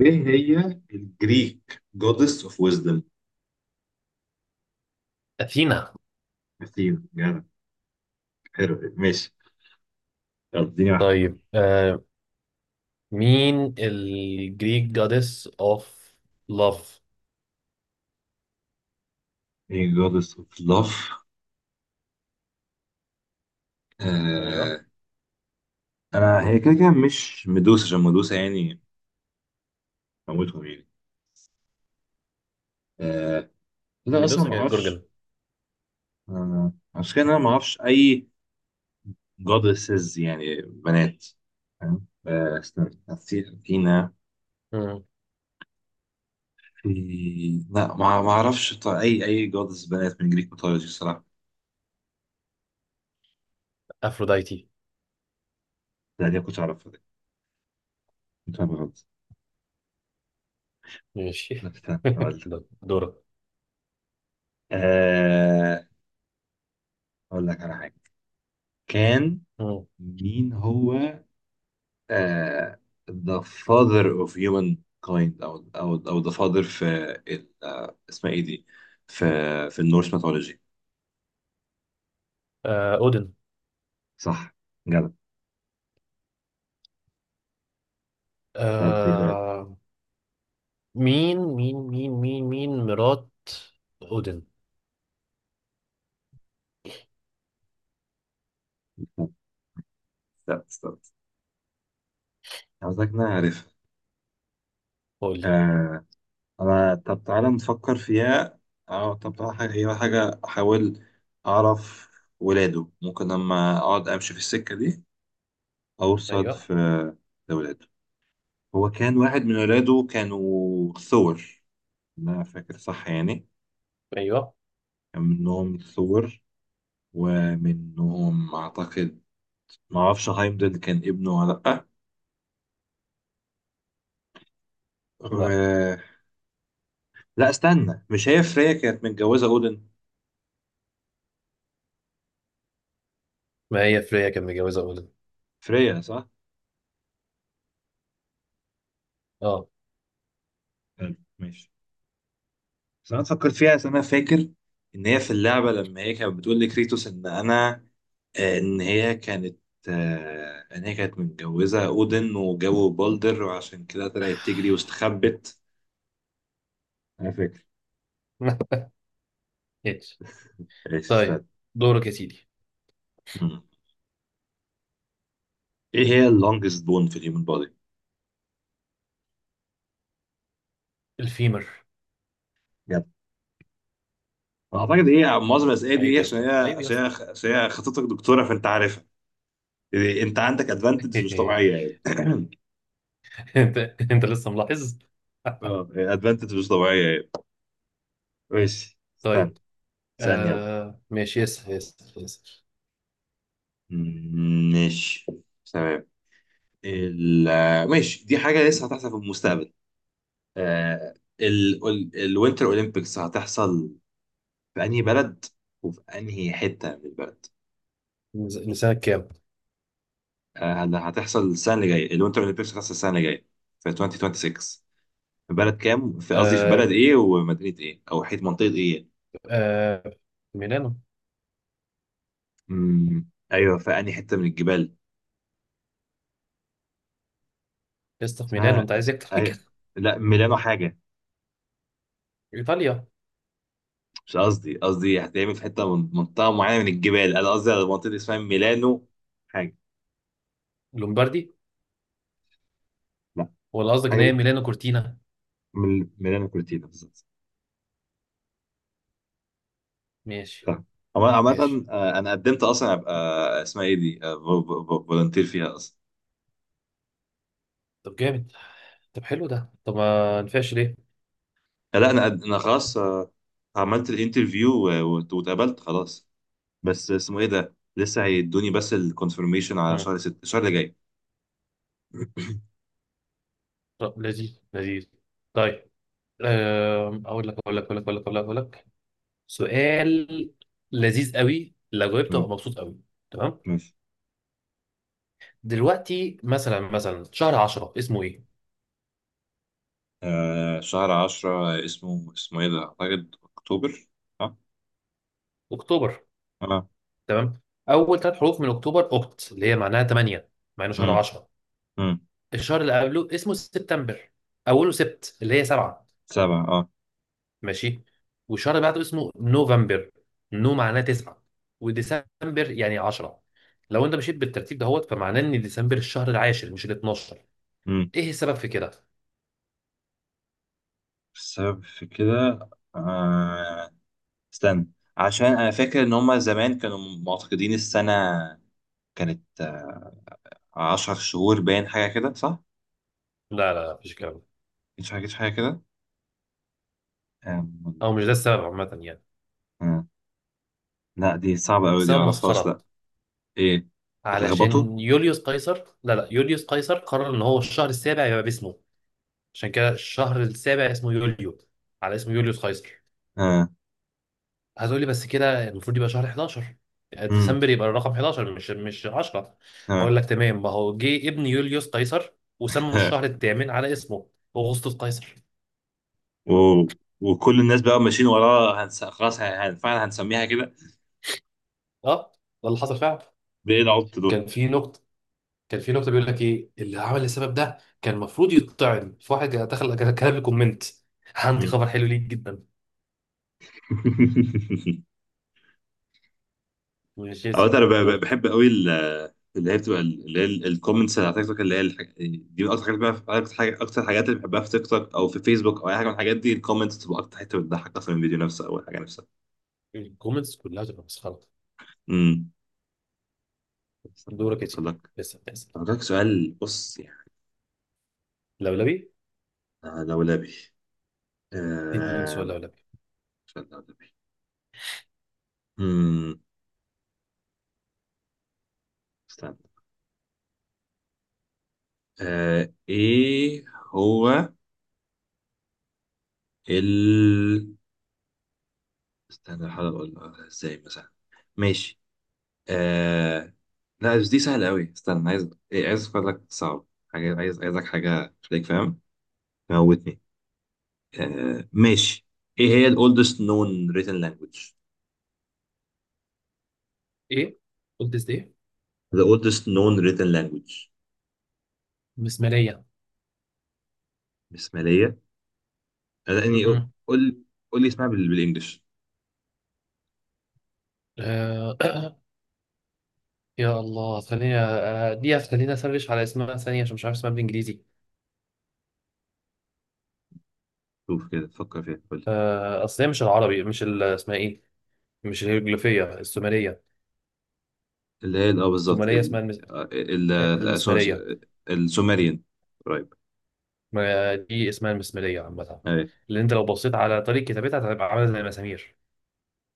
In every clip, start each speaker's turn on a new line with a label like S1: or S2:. S1: ايه هي الجريك جودس اوف ويزدم؟
S2: أثينا.
S1: اثينا، جدع. حلو، ماشي. يلا اديني واحده.
S2: طيب. مين الجريك جادس اوف لاف؟
S1: ايه جودس اوف لاف؟
S2: ايوه.
S1: آه. انا هي كده كده مش مدوسه، عشان مدوسه يعني موتهم يعني. آه. انا اصلا
S2: ميدوسا
S1: ما
S2: كانت
S1: اعرفش.
S2: جورجن.
S1: آه، عشان كده انا ما اعرفش اي جودسز يعني بنات. فاهم؟ استنى، اثينا.
S2: مم.
S1: في، لا ما اعرفش، اي جودس بنات من جريك ميثولوجي الصراحه.
S2: افروديتي.
S1: لا دي ما كنتش اعرفها دي، كنت اعرف غلط.
S2: ماشي.
S1: لا استنى هقول لك.
S2: ده دورك.
S1: آه اقول لك على حاجه. كان
S2: مم.
S1: مين هو؟ آه، the father of human kind، او the father في اسمها ايه دي؟ في، في النورس ميثولوجي.
S2: آه، اودن.
S1: صح، جدع. طب دي سؤال.
S2: آه مين مرات اودن؟
S1: لا استنى، عاوزك نعرف.
S2: قول لي.
S1: آه انا، طب تعالى نفكر فيها. اه طب تعالى حاجه، هي حاجه احاول اعرف ولاده ممكن لما اقعد امشي في السكه دي اوصل
S2: ايوه،
S1: في لولاده. هو كان واحد من ولاده كانوا ثور، أنا فاكر صح يعني.
S2: ايوه.
S1: كان منهم ثور، ومنهم أعتقد، ما أعرفش هايمدل كان ابنه ولا لأ
S2: لا،
S1: و... لا استنى، مش هي فريا كانت متجوزة أودن؟
S2: ما هي فريا كان متجوزه اودن.
S1: فريا صح؟
S2: اه.
S1: حلو، ماشي. بس أنا فكرت فيها أصل أنا فاكر إن هي في اللعبة لما هي كانت بتقول لكريتوس إن أنا آه، إن هي كانت إن هي كانت متجوزة أودن وجابوا بالدر وعشان كده طلعت تجري واستخبت. أنا فاكر.
S2: ماشي. طيب،
S1: استنى.
S2: دورك يا سيدي.
S1: مم. ايه هي اللونجست بون في الهيومن بودي؟
S2: الفيمر.
S1: يلا. اعتقد هي معظم الاسئله دي
S2: عيب
S1: إيه؟
S2: يا
S1: عشان هي
S2: اسطى، عيب يا
S1: عشان هي
S2: اسطى.
S1: عشان هي خطيبتك دكتوره فانت عارفها، يعني انت عندك ادفانتج مش طبيعيه يعني.
S2: انت انت لسه ملاحظ؟
S1: اه، ادفانتج مش طبيعيه يعني. ماشي استنى.
S2: طيب.
S1: استنى يلا.
S2: ماشي، ياسر ياسر ياسر.
S1: ماشي، تمام. ال ماشي، دي حاجه لسه هتحصل في المستقبل. آه، ال الوينتر اولمبيكس هتحصل في انهي بلد، وفي انهي حته من البلد؟
S2: لسانك كام؟
S1: آه، هتحصل السنه اللي جايه، الوينتر اولمبيكس هتحصل السنه اللي جايه، في 2026، في بلد كام، في قصدي في
S2: آه
S1: بلد ايه ومدينه ايه او حيث منطقه ايه.
S2: آه ميلانو.
S1: ايوه، في انهي حته من الجبال؟
S2: لسه في ميلانو،
S1: اسمها
S2: انت عايز
S1: اس...
S2: إيه اكتر من
S1: أي...
S2: كده؟
S1: لا ميلانو حاجه،
S2: ايطاليا.
S1: مش قصدي، قصدي هتعمل في حته من منطقه معينه من الجبال، انا قصدي على منطقه اسمها ميلانو حاجه.
S2: لومباردي.
S1: لا
S2: ولا قصدك ان
S1: حاجه
S2: هي
S1: ب...
S2: ميلانو كورتينا؟
S1: ميلانو كورتينا بالظبط،
S2: ماشي.
S1: صح.
S2: ماشي.
S1: عامة أنا قدمت أصلا أبقى اسمها إيه دي؟ فولنتير فيها.
S2: طب جامد. طب حلو ده. طب ما نفعش ليه؟
S1: لا انا انا خلاص، عملت الانترفيو واتقبلت خلاص، بس اسمه ايه ده لسه هيدوني بس الكونفirmation على
S2: مم.
S1: شهر ست، الشهر اللي جاي.
S2: طب لذيذ لذيذ. طيب. اقول لك أقول لك. سؤال لذيذ قوي. لو جاوبته
S1: مم.
S2: هبقى مبسوط قوي. تمام.
S1: ماشي.
S2: دلوقتي، مثلا، شهر 10 اسمه ايه؟
S1: آه، شهر عشرة اسمه، ايه ده، اعتقد اكتوبر. اه.
S2: اكتوبر.
S1: اه.
S2: تمام؟ اول ثلاث حروف من اكتوبر اوكت، اللي هي معناها 8، مع انه شهر
S1: امم.
S2: 10.
S1: امم.
S2: الشهر اللي قبله اسمه سبتمبر. اوله سبت اللي هي 7.
S1: سبعة اه.
S2: ماشي؟ والشهر اللي بعده اسمه نوفمبر. نو معناه 9. وديسمبر يعني 10. لو انت مشيت بالترتيب دهوت، فمعناه ان ديسمبر الشهر العاشر مش ال 12.
S1: امم.
S2: ايه السبب في كده؟
S1: السبب في كده، آه، استنى. عشان انا فاكر ان هما زمان كانوا معتقدين السنة كانت عشر شهور، باين حاجة كده صح؟
S2: لا، لا، لا، مفيش كلام.
S1: مش حاجة حاجة كده؟
S2: او مش ده السبب عامة يعني.
S1: آه، لا دي صعبة أوي، دي
S2: سبب
S1: معرفهاش
S2: مسخرة.
S1: لا. إيه، اتلخبطوا.
S2: علشان يوليوس قيصر، لا لا، يوليوس قيصر قرر ان هو الشهر السابع يبقى باسمه. عشان كده الشهر السابع اسمه يوليو على اسم يوليوس قيصر.
S1: ها.
S2: هتقولي بس كده المفروض يبقى شهر 11.
S1: امم.
S2: ديسمبر يبقى الرقم 11، مش 10.
S1: ها.
S2: هقول لك. تمام، ما هو جه ابن يوليوس قيصر وسمى
S1: ها.
S2: الشهر الثامن على اسمه. اغسطس قيصر.
S1: و... وكل الناس بقى ماشيين وراه هنس... خلاص ه- هن... فعلا هنسميها كده.
S2: اه، ده اللي حصل فعلا.
S1: بإيه العبط دول؟
S2: كان في نقطة كان في نقطة بيقول لك ايه اللي عمل السبب ده، كان المفروض يتطعن في واحد دخل كتب لي كومنت: عندي
S1: مم.
S2: خبر حلو ليك جدا. ماشي يا
S1: أو أنا
S2: سيدي. دورك.
S1: بحب أوي اللي هي بتبقى الكومنتس اللي على تيك توك، اللي هي دي من أكتر حاجات، بقى أكتر أكتر حاجات اللي بحبها في تيك توك أو في فيسبوك أو أي حاجة من الحاجات دي، الكومنتس بتبقى أكتر حتة بتضحك أصلا من الفيديو نفسه أو الحاجة نفسها.
S2: الكومنتس كلها تبقى مسخره.
S1: امم. استنى
S2: دورك يا
S1: أفكر
S2: سيدي.
S1: لك.
S2: لسه بتحصل.
S1: أفكر لك سؤال، بص يعني
S2: لولبي.
S1: أنا لولبي.
S2: اديني سؤال
S1: آه...
S2: لولبي.
S1: استنى يا نبي. مم... استنى، آه... ايه هو ال استنى، بحاول اقول ازاي مثلا. ماشي. آه... لا بس دي سهلة قوي، استنى عايز إيه، عايز افكر لك صعب حاجة، عايز حاجة خليك فاهم، موتني. آه... ماشي. ايه هي ال oldest known written language؟
S2: ايه؟ قلت ازاي؟
S1: the oldest known written language.
S2: مسماريه.
S1: بسمالية؟ آه، لا يعني،
S2: مم.
S1: قول، قول لي اسمها بالانجلش.
S2: آه. يا الله، خليني آه، دي خليني اسرش على اسمها ثانيه، عشان مش عارف اسمها بالانجليزي.
S1: شوف كده فكر فيها.
S2: اصل هي مش العربي، مش اسمها ايه، مش الهيروغليفيه، السومريه.
S1: اللي هي بالظبط
S2: السومريه اسمها
S1: آه،
S2: المسماريه.
S1: السومريان، قريب.
S2: ما دي اسمها المسماريه عامه.
S1: ايه،
S2: اللي انت لو بصيت على طريقه كتابتها هتبقى عامله زي المسامير.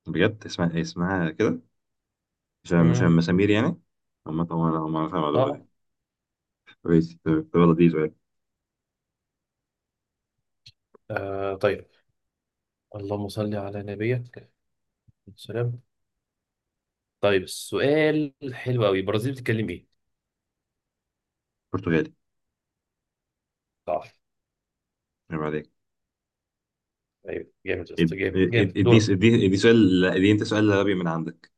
S1: بجد اسمها ايه؟ اسمها كده، مش مش
S2: مم.
S1: مسامير يعني. اما طبعا انا ما اعرف المعلومه
S2: اه.
S1: دي. كويس، طب، طب يلا دي سؤال.
S2: طيب. اللهم صل على نبيك. السلام. طيب، السؤال حلو قوي. البرازيل بتتكلم ايه؟
S1: برتغالي.
S2: صح.
S1: عيب عليك.
S2: ايوه جامد يا اسطى، جامد جامد.
S1: اديني
S2: دورك.
S1: اديني سؤال، لا، اديني انت سؤال لولبي من عندك.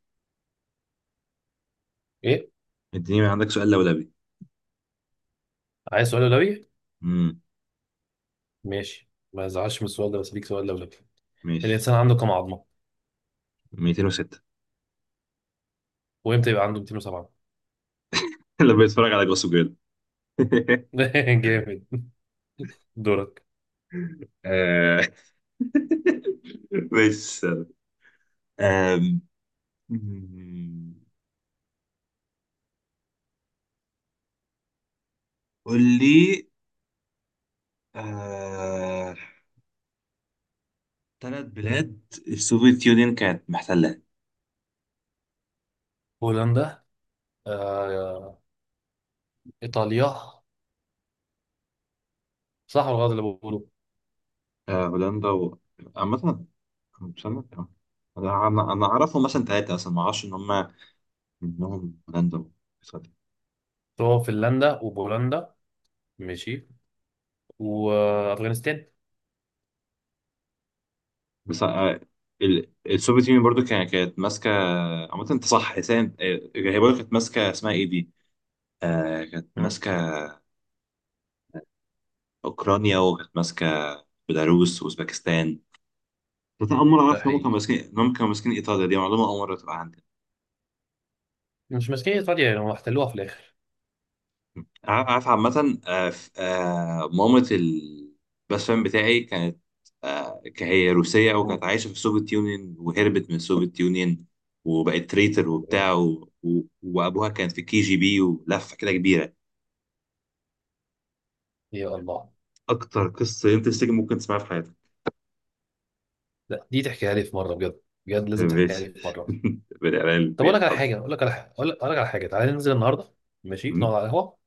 S2: ايه؟
S1: اديني من عندك سؤال لولبي.
S2: عايز سؤال لولبي.
S1: امم.
S2: ماشي. ما ازعلش من السؤال ده بس، ليك سؤال لولبي.
S1: ماشي،
S2: الانسان عنده كام عظمه؟
S1: 206.
S2: وامتى يبقى عنده 207؟
S1: اللي بيتفرج على جوسو جيرل.
S2: جامد. دورك.
S1: آه. بس، آم، قول لي. آه... ثلاث بلاد السوفيت يونين كانت محتلها.
S2: هولندا، آه... ايطاليا. صح ولا غلط اللي بقوله؟
S1: آه، هولندا و... عامة استنى، آه. أنا أعرفهم مثلا ثلاثة، أصلا ما أعرفش إن هم منهم هولندا وإيطاليا.
S2: هو فنلندا وبولندا. ماشي. وافغانستان.
S1: بس آه، السوفيت يونين برضو كانت ماسكة. عامة أنت صح حسين، آه، هي برضو كانت ماسكة اسمها إيه دي؟ آه، كانت
S2: مم.
S1: ماسكة أوكرانيا، وكانت ماسكة بيلاروس وأوزبكستان. بس أنا أول مرة
S2: ده
S1: أعرف
S2: حقيقي.
S1: إن هم كانوا ماسكين إيطاليا، دي معلومة أول مرة تبقى عندي.
S2: مش ماسكين ايطاليا يعني، هم احتلوها في الاخر.
S1: عارف، عامة مامة الباست فريند بتاعي كانت، هي روسية وكانت
S2: مم.
S1: عايشة في السوفيت يونيون، وهربت من السوفيت يونيون وبقت تريتر
S2: يا
S1: وبتاع وأبوها كان في كي جي بي، ولفة كده كبيرة.
S2: يا الله.
S1: أكتر قصة انترستنج ممكن تسمعها في حياتك.
S2: لا، دي تحكيها لي في مره بجد. بجد لازم تحكيها لي
S1: ماشي.
S2: في مره.
S1: بني آدمين
S2: طب
S1: بيتحط.
S2: اقول لك على حاجه، تعالى ننزل النهارده. ماشي، نقعد
S1: م؟
S2: على القهوه،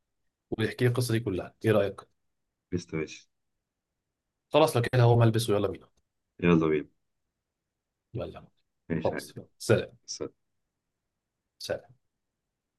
S2: ويحكي لي القصه دي كلها. ايه رايك؟
S1: قشطة، ماشي.
S2: خلاص، لو كده هو ملبس. ويلا بينا.
S1: يلا بينا.
S2: يلا.
S1: ماشي حاجة.
S2: خلاص، يلا. سلام، سلام.